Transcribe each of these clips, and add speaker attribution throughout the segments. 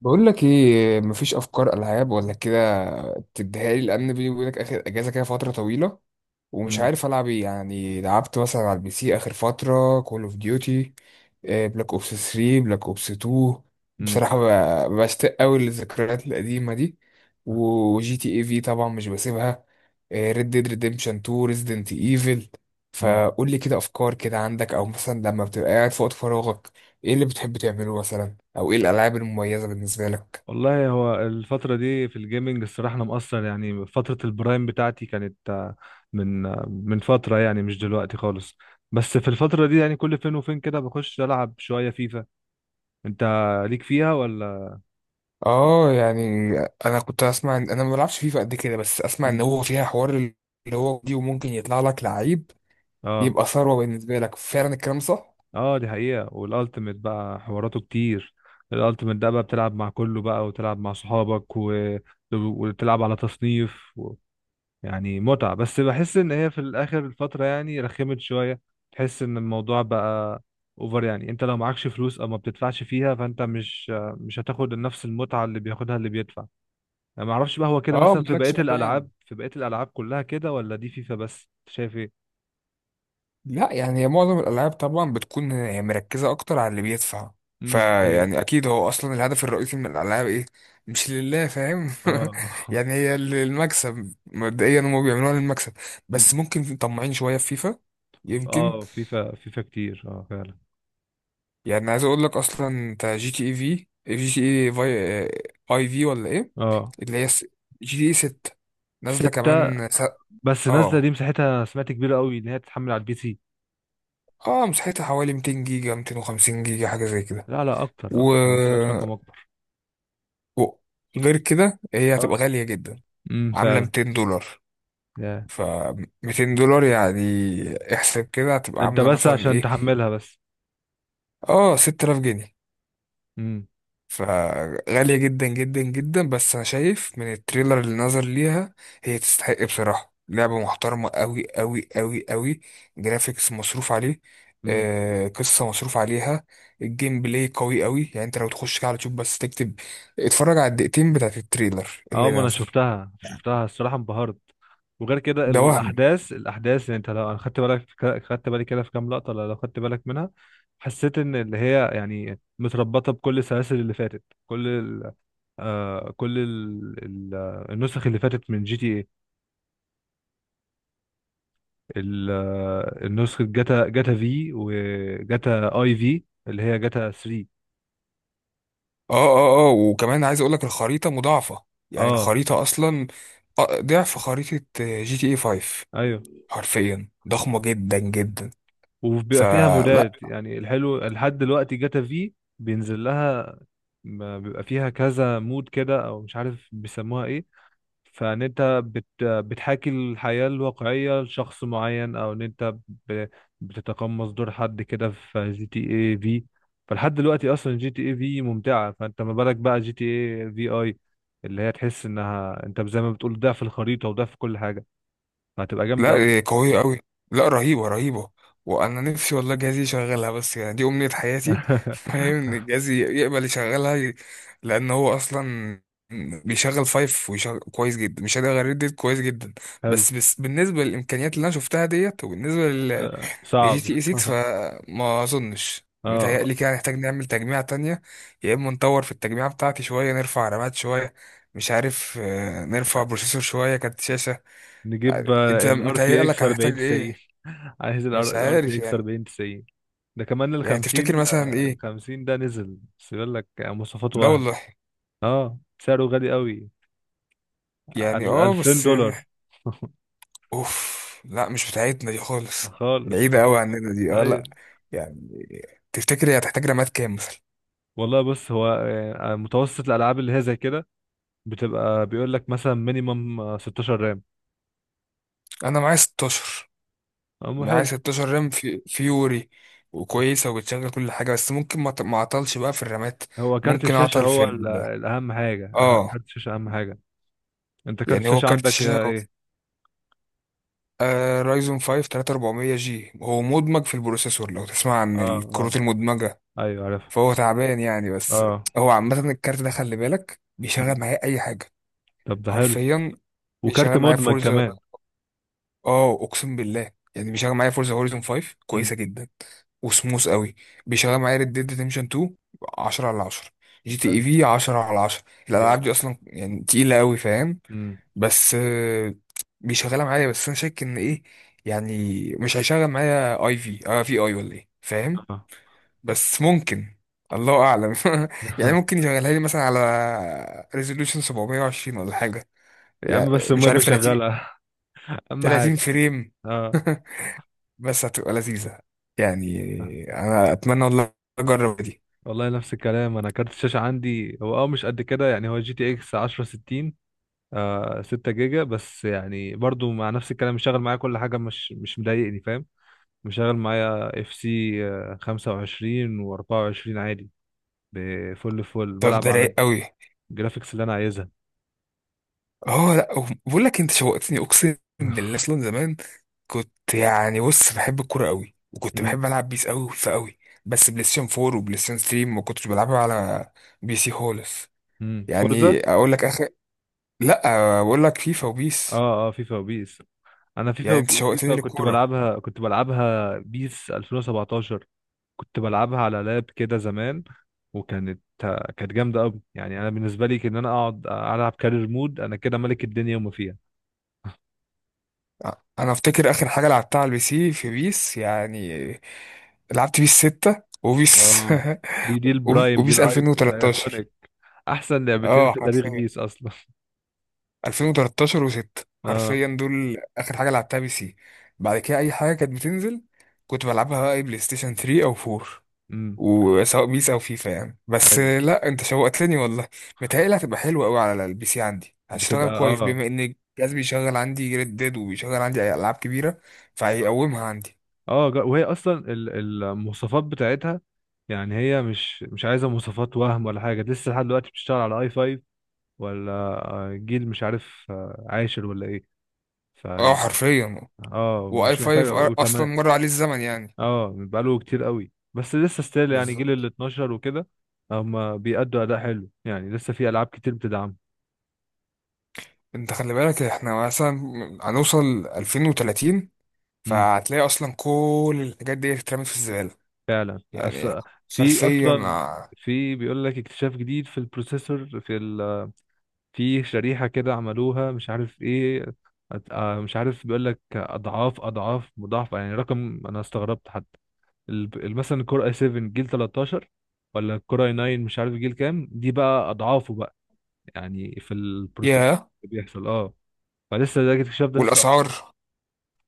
Speaker 1: بقول لك ايه، مفيش افكار العاب ولا كده تديها لي؟ لان بيني وبينك اخر اجازه كده فتره طويله ومش
Speaker 2: مم.
Speaker 1: عارف العب ايه. يعني لعبت مثلا على البي سي اخر فتره كول اوف ديوتي بلاك اوبس 3، بلاك اوبس 2.
Speaker 2: مم.
Speaker 1: بصراحه بشتاق قوي للذكريات القديمه دي. وجي تي اي في طبعا مش بسيبها، ريد ديد ريديمشن 2، ريزيدنت ايفل.
Speaker 2: مم.
Speaker 1: فقول لي كده افكار كده عندك، او مثلا لما بتبقى قاعد في وقت فراغك ايه اللي بتحب تعمله، مثلا او ايه الالعاب المميزه بالنسبه لك؟
Speaker 2: والله هو الفترة دي في الجيمنج الصراحة أنا مقصر، يعني فترة البرايم بتاعتي كانت من من فترة، يعني مش دلوقتي خالص. بس في الفترة دي يعني كل فين وفين كده بخش ألعب شوية فيفا. أنت ليك فيها ولا؟
Speaker 1: اه يعني، انا كنت اسمع انا ما بلعبش فيفا قد كده، بس اسمع ان
Speaker 2: مم.
Speaker 1: هو فيها حوار اللي هو دي، وممكن يطلع لك لعيب
Speaker 2: اه
Speaker 1: يبقى ثروة بالنسبة لك. فعلا الكلام صح.
Speaker 2: اه، دي حقيقة، والألتيميت بقى حواراته كتير. الألتيميت ده بقى بتلعب مع كله بقى وتلعب مع صحابك و... وتلعب على تصنيف، يعني متعة. بس بحس ان هي في الاخر الفترة يعني رخمت شوية، تحس ان الموضوع بقى اوفر. يعني انت لو معكش فلوس او ما بتدفعش فيها، فانت مش هتاخد نفس المتعة اللي بياخدها اللي بيدفع. يعني ما اعرفش بقى هو كده،
Speaker 1: اه
Speaker 2: مثلا في بقية
Speaker 1: مالكش
Speaker 2: الالعاب
Speaker 1: مكان.
Speaker 2: في بقية الالعاب كلها كده، ولا دي فيفا بس؟ أنت شايف ايه؟
Speaker 1: لا يعني هي معظم الالعاب طبعا بتكون هي مركزة اكتر على اللي بيدفع.
Speaker 2: دي حقيقة.
Speaker 1: فيعني اكيد هو اصلا الهدف الرئيسي من الالعاب ايه؟ مش لله، فاهم
Speaker 2: اه.
Speaker 1: يعني هي المكسب مبدئيا، هم بيعملوها للمكسب. بس
Speaker 2: أمم.
Speaker 1: ممكن طماعين شوية في فيفا، يمكن.
Speaker 2: اه، فيفا كتير، اه فعلا.
Speaker 1: يعني عايز اقول لك، اصلا انت جي تي اي في، جي تي اي في، اي في ولا ايه؟
Speaker 2: اه،
Speaker 1: اللي هي جي تي اي 6، نازله
Speaker 2: ستة.
Speaker 1: كمان
Speaker 2: بس نازلة دي
Speaker 1: اه،
Speaker 2: مساحتها سمعت كبيرة قوي، ان هي تتحمل على البي سي.
Speaker 1: اه، مساحتها حوالي 200 جيجا، 250 جيجا، حاجه زي كده.
Speaker 2: لا لا، اكتر
Speaker 1: و...
Speaker 2: اكتر، انا سمعت رقم اكبر.
Speaker 1: و... غير كده هي
Speaker 2: اه.
Speaker 1: هتبقى غاليه جدا.
Speaker 2: امم،
Speaker 1: عامله
Speaker 2: فعلا.
Speaker 1: $200.
Speaker 2: يا.
Speaker 1: ف $200 يعني، احسب كده هتبقى
Speaker 2: انت
Speaker 1: عامله
Speaker 2: بس
Speaker 1: مثلا
Speaker 2: عشان
Speaker 1: ايه؟
Speaker 2: تحملها بس.
Speaker 1: اه، 6000 جنيه.
Speaker 2: امم.
Speaker 1: فغالية جدا جدا جدا. بس أنا شايف من التريلر اللي نظر ليها هي تستحق بصراحة، لعبة محترمة أوي أوي أوي أوي. جرافيكس مصروف عليه،
Speaker 2: امم،
Speaker 1: آه قصة مصروف عليها، الجيم بلاي قوي أوي. يعني أنت لو تخش كده على اليوتيوب بس تكتب، اتفرج على الدقيقتين بتاعت التريلر
Speaker 2: اه
Speaker 1: اللي
Speaker 2: ما انا
Speaker 1: نزل
Speaker 2: شفتها الصراحه انبهرت. وغير كده
Speaker 1: ده
Speaker 2: ال-
Speaker 1: وهم.
Speaker 2: الاحداث الاحداث يعني انت لو انا خدت بالك في خدت بالي كده في كام لقطه، لو خدت بالك منها، حسيت ان اللي هي يعني متربطه بكل السلاسل اللي فاتت، كل ال... آه كل ال... ال... آه، النسخ اللي فاتت من جي تي ايه. ال... آه، النسخه جاتا في وجاتا اي في اللي هي جاتا 3.
Speaker 1: اه، اه، اه، وكمان عايز أقولك الخريطة مضاعفة. يعني
Speaker 2: اه
Speaker 1: الخريطة أصلا ضعف خريطة جي تي اي 5.
Speaker 2: ايوه.
Speaker 1: حرفيا ضخمة جدا جدا.
Speaker 2: وبيبقى فيها
Speaker 1: فلا،
Speaker 2: مودات، يعني الحلو لحد دلوقتي جاتا في بينزل لها، ما بيبقى فيها كذا مود كده، او مش عارف بيسموها ايه، فان انت بتحاكي الحياة الواقعية لشخص معين، او ان انت ب- بتتقمص دور حد كده في جي تي اي في. فلحد دلوقتي اصلا جي تي اي في ممتعة، فانت ما بالك بقى جي تي اي في اي، اللي هي تحس انها انت زي ما بتقول ده في الخريطة وده في كل حاجة، فهتبقى جامدة قوي.
Speaker 1: لا قوية أوي، لا رهيبة رهيبة. وأنا نفسي والله جهازي يشغلها، بس يعني دي أمنية حياتي فاهم إن جهازي يقبل يشغلها لأن هو أصلا بيشغل فايف ويشغل كويس جدا، مش هقدر غير ديت كويس جدا.
Speaker 2: حلو.
Speaker 1: بس بالنسبة للإمكانيات اللي أنا شفتها ديت، وبالنسبة لجي
Speaker 2: صعب.
Speaker 1: تي إي 6، فما أظنش.
Speaker 2: اه،
Speaker 1: متهيألي كده هنحتاج نعمل تجميعة تانية، يا إما نطور في التجميعة بتاعتي شوية، نرفع رامات شوية، مش عارف نرفع بروسيسور شوية، كارت شاشة.
Speaker 2: نجيب
Speaker 1: يعني انت
Speaker 2: الار تي اكس
Speaker 1: متهيألك هنحتاج
Speaker 2: 4090.
Speaker 1: ايه؟
Speaker 2: عايز
Speaker 1: مش
Speaker 2: الار
Speaker 1: عارف
Speaker 2: تي اكس
Speaker 1: يعني.
Speaker 2: 4090. ده كمان ال
Speaker 1: يعني تفتكر
Speaker 2: 50
Speaker 1: مثلا
Speaker 2: ال
Speaker 1: ايه؟
Speaker 2: 50 ده نزل بس بيقول لك يعني مواصفات
Speaker 1: لا
Speaker 2: وهم.
Speaker 1: والله.
Speaker 2: اه، سعره غالي قوي،
Speaker 1: يعني اه،
Speaker 2: 2000
Speaker 1: بس يعني
Speaker 2: دولار
Speaker 1: اوف، لا مش بتاعتنا دي خالص،
Speaker 2: خالص.
Speaker 1: بعيدة قوي عننا دي، اه لا.
Speaker 2: ايوه.
Speaker 1: يعني تفتكر هي هتحتاج رامات كام مثلا؟
Speaker 2: والله بص هو، متوسط الالعاب اللي هي زي كده بتبقى بيقول لك مثلا مينيمم 16 رام.
Speaker 1: انا معايا 16، معايا
Speaker 2: حلو.
Speaker 1: 16 رام في فيوري، وكويسة وبتشغل كل حاجة. بس ممكن ما اعطلش بقى في الرامات،
Speaker 2: هو كارت
Speaker 1: ممكن
Speaker 2: الشاشه،
Speaker 1: اعطل في
Speaker 2: هو
Speaker 1: ال، اه.
Speaker 2: كارت الشاشه اهم حاجه. انت كارت
Speaker 1: يعني هو
Speaker 2: الشاشه
Speaker 1: كارت
Speaker 2: عندك
Speaker 1: الشاشة
Speaker 2: ايه؟
Speaker 1: آه رايزون 5 3400 جي، هو مدمج في البروسيسور، لو تسمع عن
Speaker 2: اه اه،
Speaker 1: الكروت المدمجة.
Speaker 2: ايوه عارف.
Speaker 1: فهو تعبان يعني. بس
Speaker 2: اه.
Speaker 1: هو عامة الكارت ده خلي بالك
Speaker 2: مم.
Speaker 1: بيشغل معايا أي حاجة.
Speaker 2: طب ده حلو.
Speaker 1: حرفيا
Speaker 2: وكارت
Speaker 1: بيشغل معايا
Speaker 2: مدمج
Speaker 1: فورزا.
Speaker 2: كمان.
Speaker 1: اه أقسم بالله، يعني بيشغل معايا فورزا هوريزون 5
Speaker 2: مم.
Speaker 1: كويسة جدا وسموث قوي. بيشغل معايا ريد ديد ريدمشن 2، 10 على 10. جي تي
Speaker 2: حلو.
Speaker 1: اي في 10 على 10. الألعاب
Speaker 2: جامد.
Speaker 1: دي أصلا يعني تقيلة قوي فاهم.
Speaker 2: مم.
Speaker 1: بس بيشغلها معايا. بس انا شاك ان ايه، يعني مش هيشغل معايا اي في، اه في اي ولا ايه فاهم.
Speaker 2: آه.
Speaker 1: بس ممكن، الله اعلم يعني ممكن يشغلها لي مثلا على ريزولوشن 720 ولا حاجه،
Speaker 2: يا
Speaker 1: يعني.
Speaker 2: عم، بس
Speaker 1: مش
Speaker 2: المهم
Speaker 1: عارف، 30
Speaker 2: يشغلها. اهم
Speaker 1: 30
Speaker 2: حاجه.
Speaker 1: فريم
Speaker 2: اه.
Speaker 1: بس هتبقى لذيذه يعني.
Speaker 2: آه.
Speaker 1: انا اتمنى والله اجرب دي.
Speaker 2: والله نفس الكلام، انا كارت الشاشه عندي هو مش قد كده، يعني هو جي تي اكس 1060، 6 جيجا بس، يعني برضو مع نفس الكلام مشغل معايا كل حاجه، مش مضايقني، فاهم. مشغل معايا اف سي 25 و24 عادي، بفل فل
Speaker 1: طب
Speaker 2: بلعب
Speaker 1: ده
Speaker 2: على
Speaker 1: رايق قوي.
Speaker 2: الجرافيكس اللي انا عايزها.
Speaker 1: اه لا بقول لك انت شوقتني، اقسم بالله. اصلا زمان كنت يعني، بص بحب الكوره قوي، وكنت بحب العب بيس قوي فقوي. بس بلاي ستيشن 4 وبلاي ستيشن 3، ما كنتش بلعبها على بي سي خالص.
Speaker 2: فورزا.
Speaker 1: يعني اقول لك اخر، لا بقول لك فيفا وبيس.
Speaker 2: اه اه، فيفا وبيس. انا فيفا
Speaker 1: يعني انت
Speaker 2: وب-
Speaker 1: شوقتني
Speaker 2: فيفا كنت
Speaker 1: للكوره.
Speaker 2: بلعبها كنت بلعبها بيس 2017، كنت بلعبها على لاب كده زمان، وكانت جامده قوي. يعني انا بالنسبه لي ان انا اقعد العب كارير مود، انا كده ملك الدنيا وما فيها.
Speaker 1: انا افتكر اخر حاجه لعبتها على البي سي في بيس، يعني لعبت بيس 6 وبيس
Speaker 2: اه. دي البرايم، دي
Speaker 1: وبيس
Speaker 2: الايك
Speaker 1: 2013.
Speaker 2: الايكونيك احسن لعبتين
Speaker 1: اه
Speaker 2: في تاريخ
Speaker 1: حرفيا،
Speaker 2: بيس اصلا.
Speaker 1: 2013 و6
Speaker 2: اه.
Speaker 1: حرفيا دول اخر حاجه لعبتها بي سي. بعد كده اي حاجه كانت بتنزل كنت بلعبها بقى اي بلاي ستيشن 3 او 4.
Speaker 2: امم
Speaker 1: وسواء بيس او فيفا يعني. بس
Speaker 2: ايوه.
Speaker 1: لا، انت شوقتني والله. متهيألي هتبقى حلوه قوي على البي سي عندي، هتشتغل
Speaker 2: بتبقى
Speaker 1: كويس
Speaker 2: اه.
Speaker 1: بما ان الجهاز بيشغل عندي ريد ديد وبيشغل عندي أي العاب كبيره، فهيقومها عندي.
Speaker 2: اه، وهي اصلا المواصفات بتاعتها، يعني هي مش عايزه مواصفات وهم ولا حاجه، لسه لحد دلوقتي بتشتغل على اي 5، ولا جيل مش عارف عاشر ولا ايه.
Speaker 1: اه
Speaker 2: فيعني
Speaker 1: حرفيا.
Speaker 2: اه،
Speaker 1: واي
Speaker 2: ومش محتاجه
Speaker 1: 5 اصلا
Speaker 2: وتمام.
Speaker 1: مر عليه الزمن يعني.
Speaker 2: اه، بقاله كتير قوي بس لسه ستيل، يعني جيل ال
Speaker 1: بالظبط.
Speaker 2: 12 وكده هما بيأدوا اداء حلو، يعني لسه في العاب كتير بتدعم.
Speaker 1: انت خلي بالك احنا مثلا هنوصل 2030،
Speaker 2: امم
Speaker 1: فهتلاقي اصلا كل الحاجات دي اترمت في الزباله.
Speaker 2: فعلا.
Speaker 1: يعني
Speaker 2: في
Speaker 1: حرفيا
Speaker 2: اصلا، في بيقول لك اكتشاف جديد في البروسيسور، في شريحة كده عملوها مش عارف ايه. مش عارف، بيقول لك اضعاف مضاعفة، يعني رقم انا استغربت حتى، مثلا الكور اي 7 جيل 13 ولا الكور اي 9 مش عارف جيل كام، دي بقى اضعافه بقى يعني في البروسيس
Speaker 1: ياه.
Speaker 2: اللي بيحصل، اه. فلسه ده الاكتشاف ده لسه،
Speaker 1: والاسعار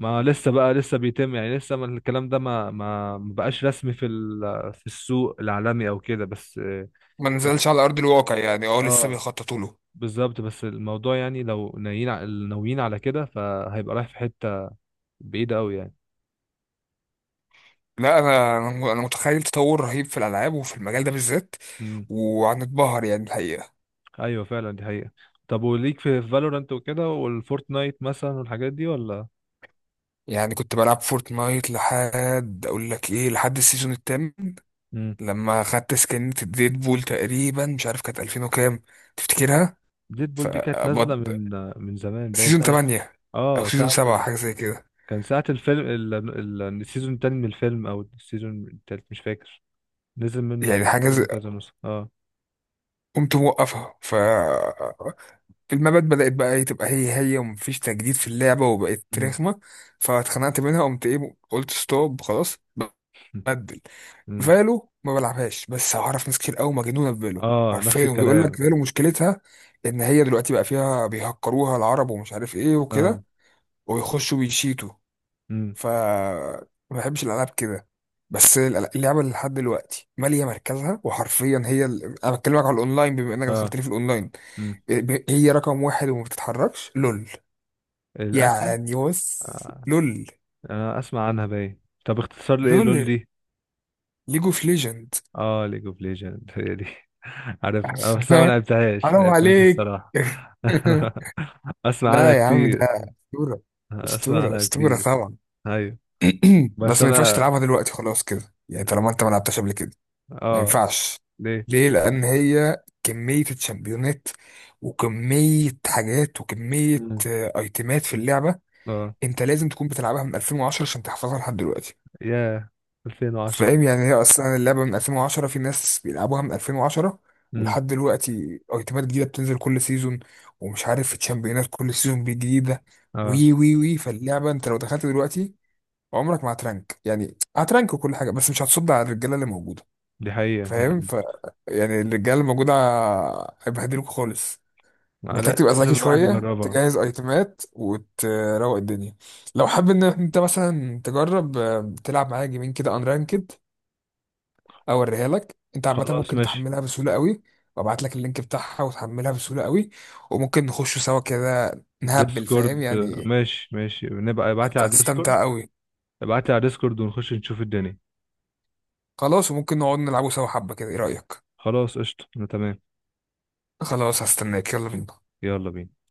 Speaker 2: ما لسه بقى لسه بيتم، يعني لسه ما الكلام ده ما بقاش رسمي في في السوق العالمي او كده، بس اه.
Speaker 1: ما نزلش على ارض الواقع يعني، اه لسه
Speaker 2: آه.
Speaker 1: بيخططوا له.
Speaker 2: بالظبط. بس الموضوع يعني لو ناويين ناويين على كده، فهيبقى رايح في حتة بعيدة قوي يعني.
Speaker 1: لا، انا أنا متخيل تطور رهيب في الالعاب وفي المجال ده بالذات،
Speaker 2: امم
Speaker 1: وهنتبهر يعني الحقيقه.
Speaker 2: ايوه، فعلا دي حقيقة. طب وليك في فالورانت وكده والفورتنايت مثلا والحاجات دي ولا؟
Speaker 1: يعني كنت بلعب فورتنايت لحد اقول لك ايه، لحد السيزون الثامن
Speaker 2: امم
Speaker 1: لما خدت سكنة الديد بول تقريبا. مش عارف كانت 2000 وكام، تفتكرها؟
Speaker 2: ديد
Speaker 1: ف
Speaker 2: بول دي كانت نازلة
Speaker 1: بط-
Speaker 2: من زمان، باين
Speaker 1: سيزون
Speaker 2: ساعة.
Speaker 1: 8 او
Speaker 2: اه،
Speaker 1: سيزون
Speaker 2: ساعة
Speaker 1: 7،
Speaker 2: ال...
Speaker 1: حاجه زي كده.
Speaker 2: كان ساعة الفيلم، السيزون التاني من الفيلم او السيزون التالت مش فاكر، نزل منه الف-
Speaker 1: يعني
Speaker 2: الفيلم
Speaker 1: حاجه
Speaker 2: كذا نسخة. اه.
Speaker 1: قمت موقفها. المبات بدأت بقى ايه تبقى هي هي، ومفيش تجديد في اللعبة وبقت
Speaker 2: امم.
Speaker 1: رخمة. فاتخنقت منها، قمت ايه قلت ستوب خلاص. بدل
Speaker 2: امم
Speaker 1: فالو ما بلعبهاش، بس أعرف ناس كتير قوي مجنونة بفالو
Speaker 2: اه. نفس
Speaker 1: عارفين. وبيقول لك
Speaker 2: الكلام.
Speaker 1: فالو مشكلتها إن هي دلوقتي بقى فيها بيهكروها العرب ومش عارف ايه
Speaker 2: اه
Speaker 1: وكده، ويخشوا بيشيتوا.
Speaker 2: امم.
Speaker 1: ما بحبش الألعاب كده. بس اللعبة اللي لحد دلوقتي مالية مركزها وحرفيا هي ال... أنا بكلمك على الأونلاين بما إنك دخلت
Speaker 2: اه
Speaker 1: لي في الأونلاين،
Speaker 2: امم.
Speaker 1: هي رقم واحد وما بتتحركش، لول.
Speaker 2: الانمي.
Speaker 1: يعني بص،
Speaker 2: آه،
Speaker 1: لول
Speaker 2: اسمع عنها باين. طب اختصار لايه لول
Speaker 1: لول
Speaker 2: دي؟
Speaker 1: ليج اوف ليجند.
Speaker 2: اه، ليج اوف ليجند، هي دي. عارفها، بس انا ما لعبتهاش ما
Speaker 1: حرام
Speaker 2: لعبتهاش
Speaker 1: عليك
Speaker 2: الصراحه. اسمع عنها
Speaker 1: لا يا عم، ده
Speaker 2: كتير
Speaker 1: اسطوره،
Speaker 2: اسمع
Speaker 1: اسطوره
Speaker 2: عنها
Speaker 1: اسطوره
Speaker 2: كتير
Speaker 1: طبعا
Speaker 2: ايوه، بس
Speaker 1: بس ما ينفعش
Speaker 2: انا
Speaker 1: تلعبها دلوقتي خلاص كده يعني، طالما انت ما لعبتهاش قبل كده ما
Speaker 2: اه.
Speaker 1: ينفعش.
Speaker 2: ليه؟
Speaker 1: ليه؟ لان هي كميه الشامبيونات وكميه حاجات وكميه
Speaker 2: مم.
Speaker 1: ايتمات في اللعبه.
Speaker 2: اه.
Speaker 1: انت لازم تكون بتلعبها من 2010 عشان تحفظها لحد دلوقتي.
Speaker 2: ياه، 2010.
Speaker 1: فاهم يعني، هي اصلا اللعبه من 2010، في ناس بيلعبوها من 2010
Speaker 2: امم.
Speaker 1: ولحد دلوقتي. ايتمات جديده بتنزل كل سيزون، ومش عارف في تشامبيونات كل سيزون جديده.
Speaker 2: اه،
Speaker 1: وي وي وي فاللعبه انت لو دخلت دلوقتي عمرك ما هترانك. يعني هترانك وكل حاجه، بس مش هتصد على الرجاله اللي موجوده
Speaker 2: دي حقيقة دي
Speaker 1: فاهم.
Speaker 2: حقيقة.
Speaker 1: يعني الرجاله اللي موجوده هيبهدلوك خالص.
Speaker 2: آه،
Speaker 1: محتاج
Speaker 2: لا-
Speaker 1: تبقى ذكي
Speaker 2: لازم الواحد
Speaker 1: شويه،
Speaker 2: يجربها.
Speaker 1: تجهز ايتمات وتروق الدنيا. لو حابب ان انت مثلا تجرب تلعب معايا جيمين كده انرانكد، اوريها لك. انت عامه
Speaker 2: خلاص
Speaker 1: ممكن
Speaker 2: ماشي.
Speaker 1: تحملها بسهوله قوي، وابعت لك اللينك بتاعها وتحملها بسهوله قوي، وممكن نخش سوا كده نهبل فاهم
Speaker 2: ديسكورد،
Speaker 1: يعني.
Speaker 2: ماشي ماشي، نبقى ابعتلي على ديسكورد.
Speaker 1: هتستمتع قوي.
Speaker 2: ابعتلي على ديسكورد ونخش نشوف الدنيا.
Speaker 1: خلاص، وممكن نقعد نلعبه سوا حبه كده، ايه رايك؟
Speaker 2: خلاص قشطة، أنا تمام.
Speaker 1: خلاص، هستناك. يلا بينا.
Speaker 2: يلا بينا.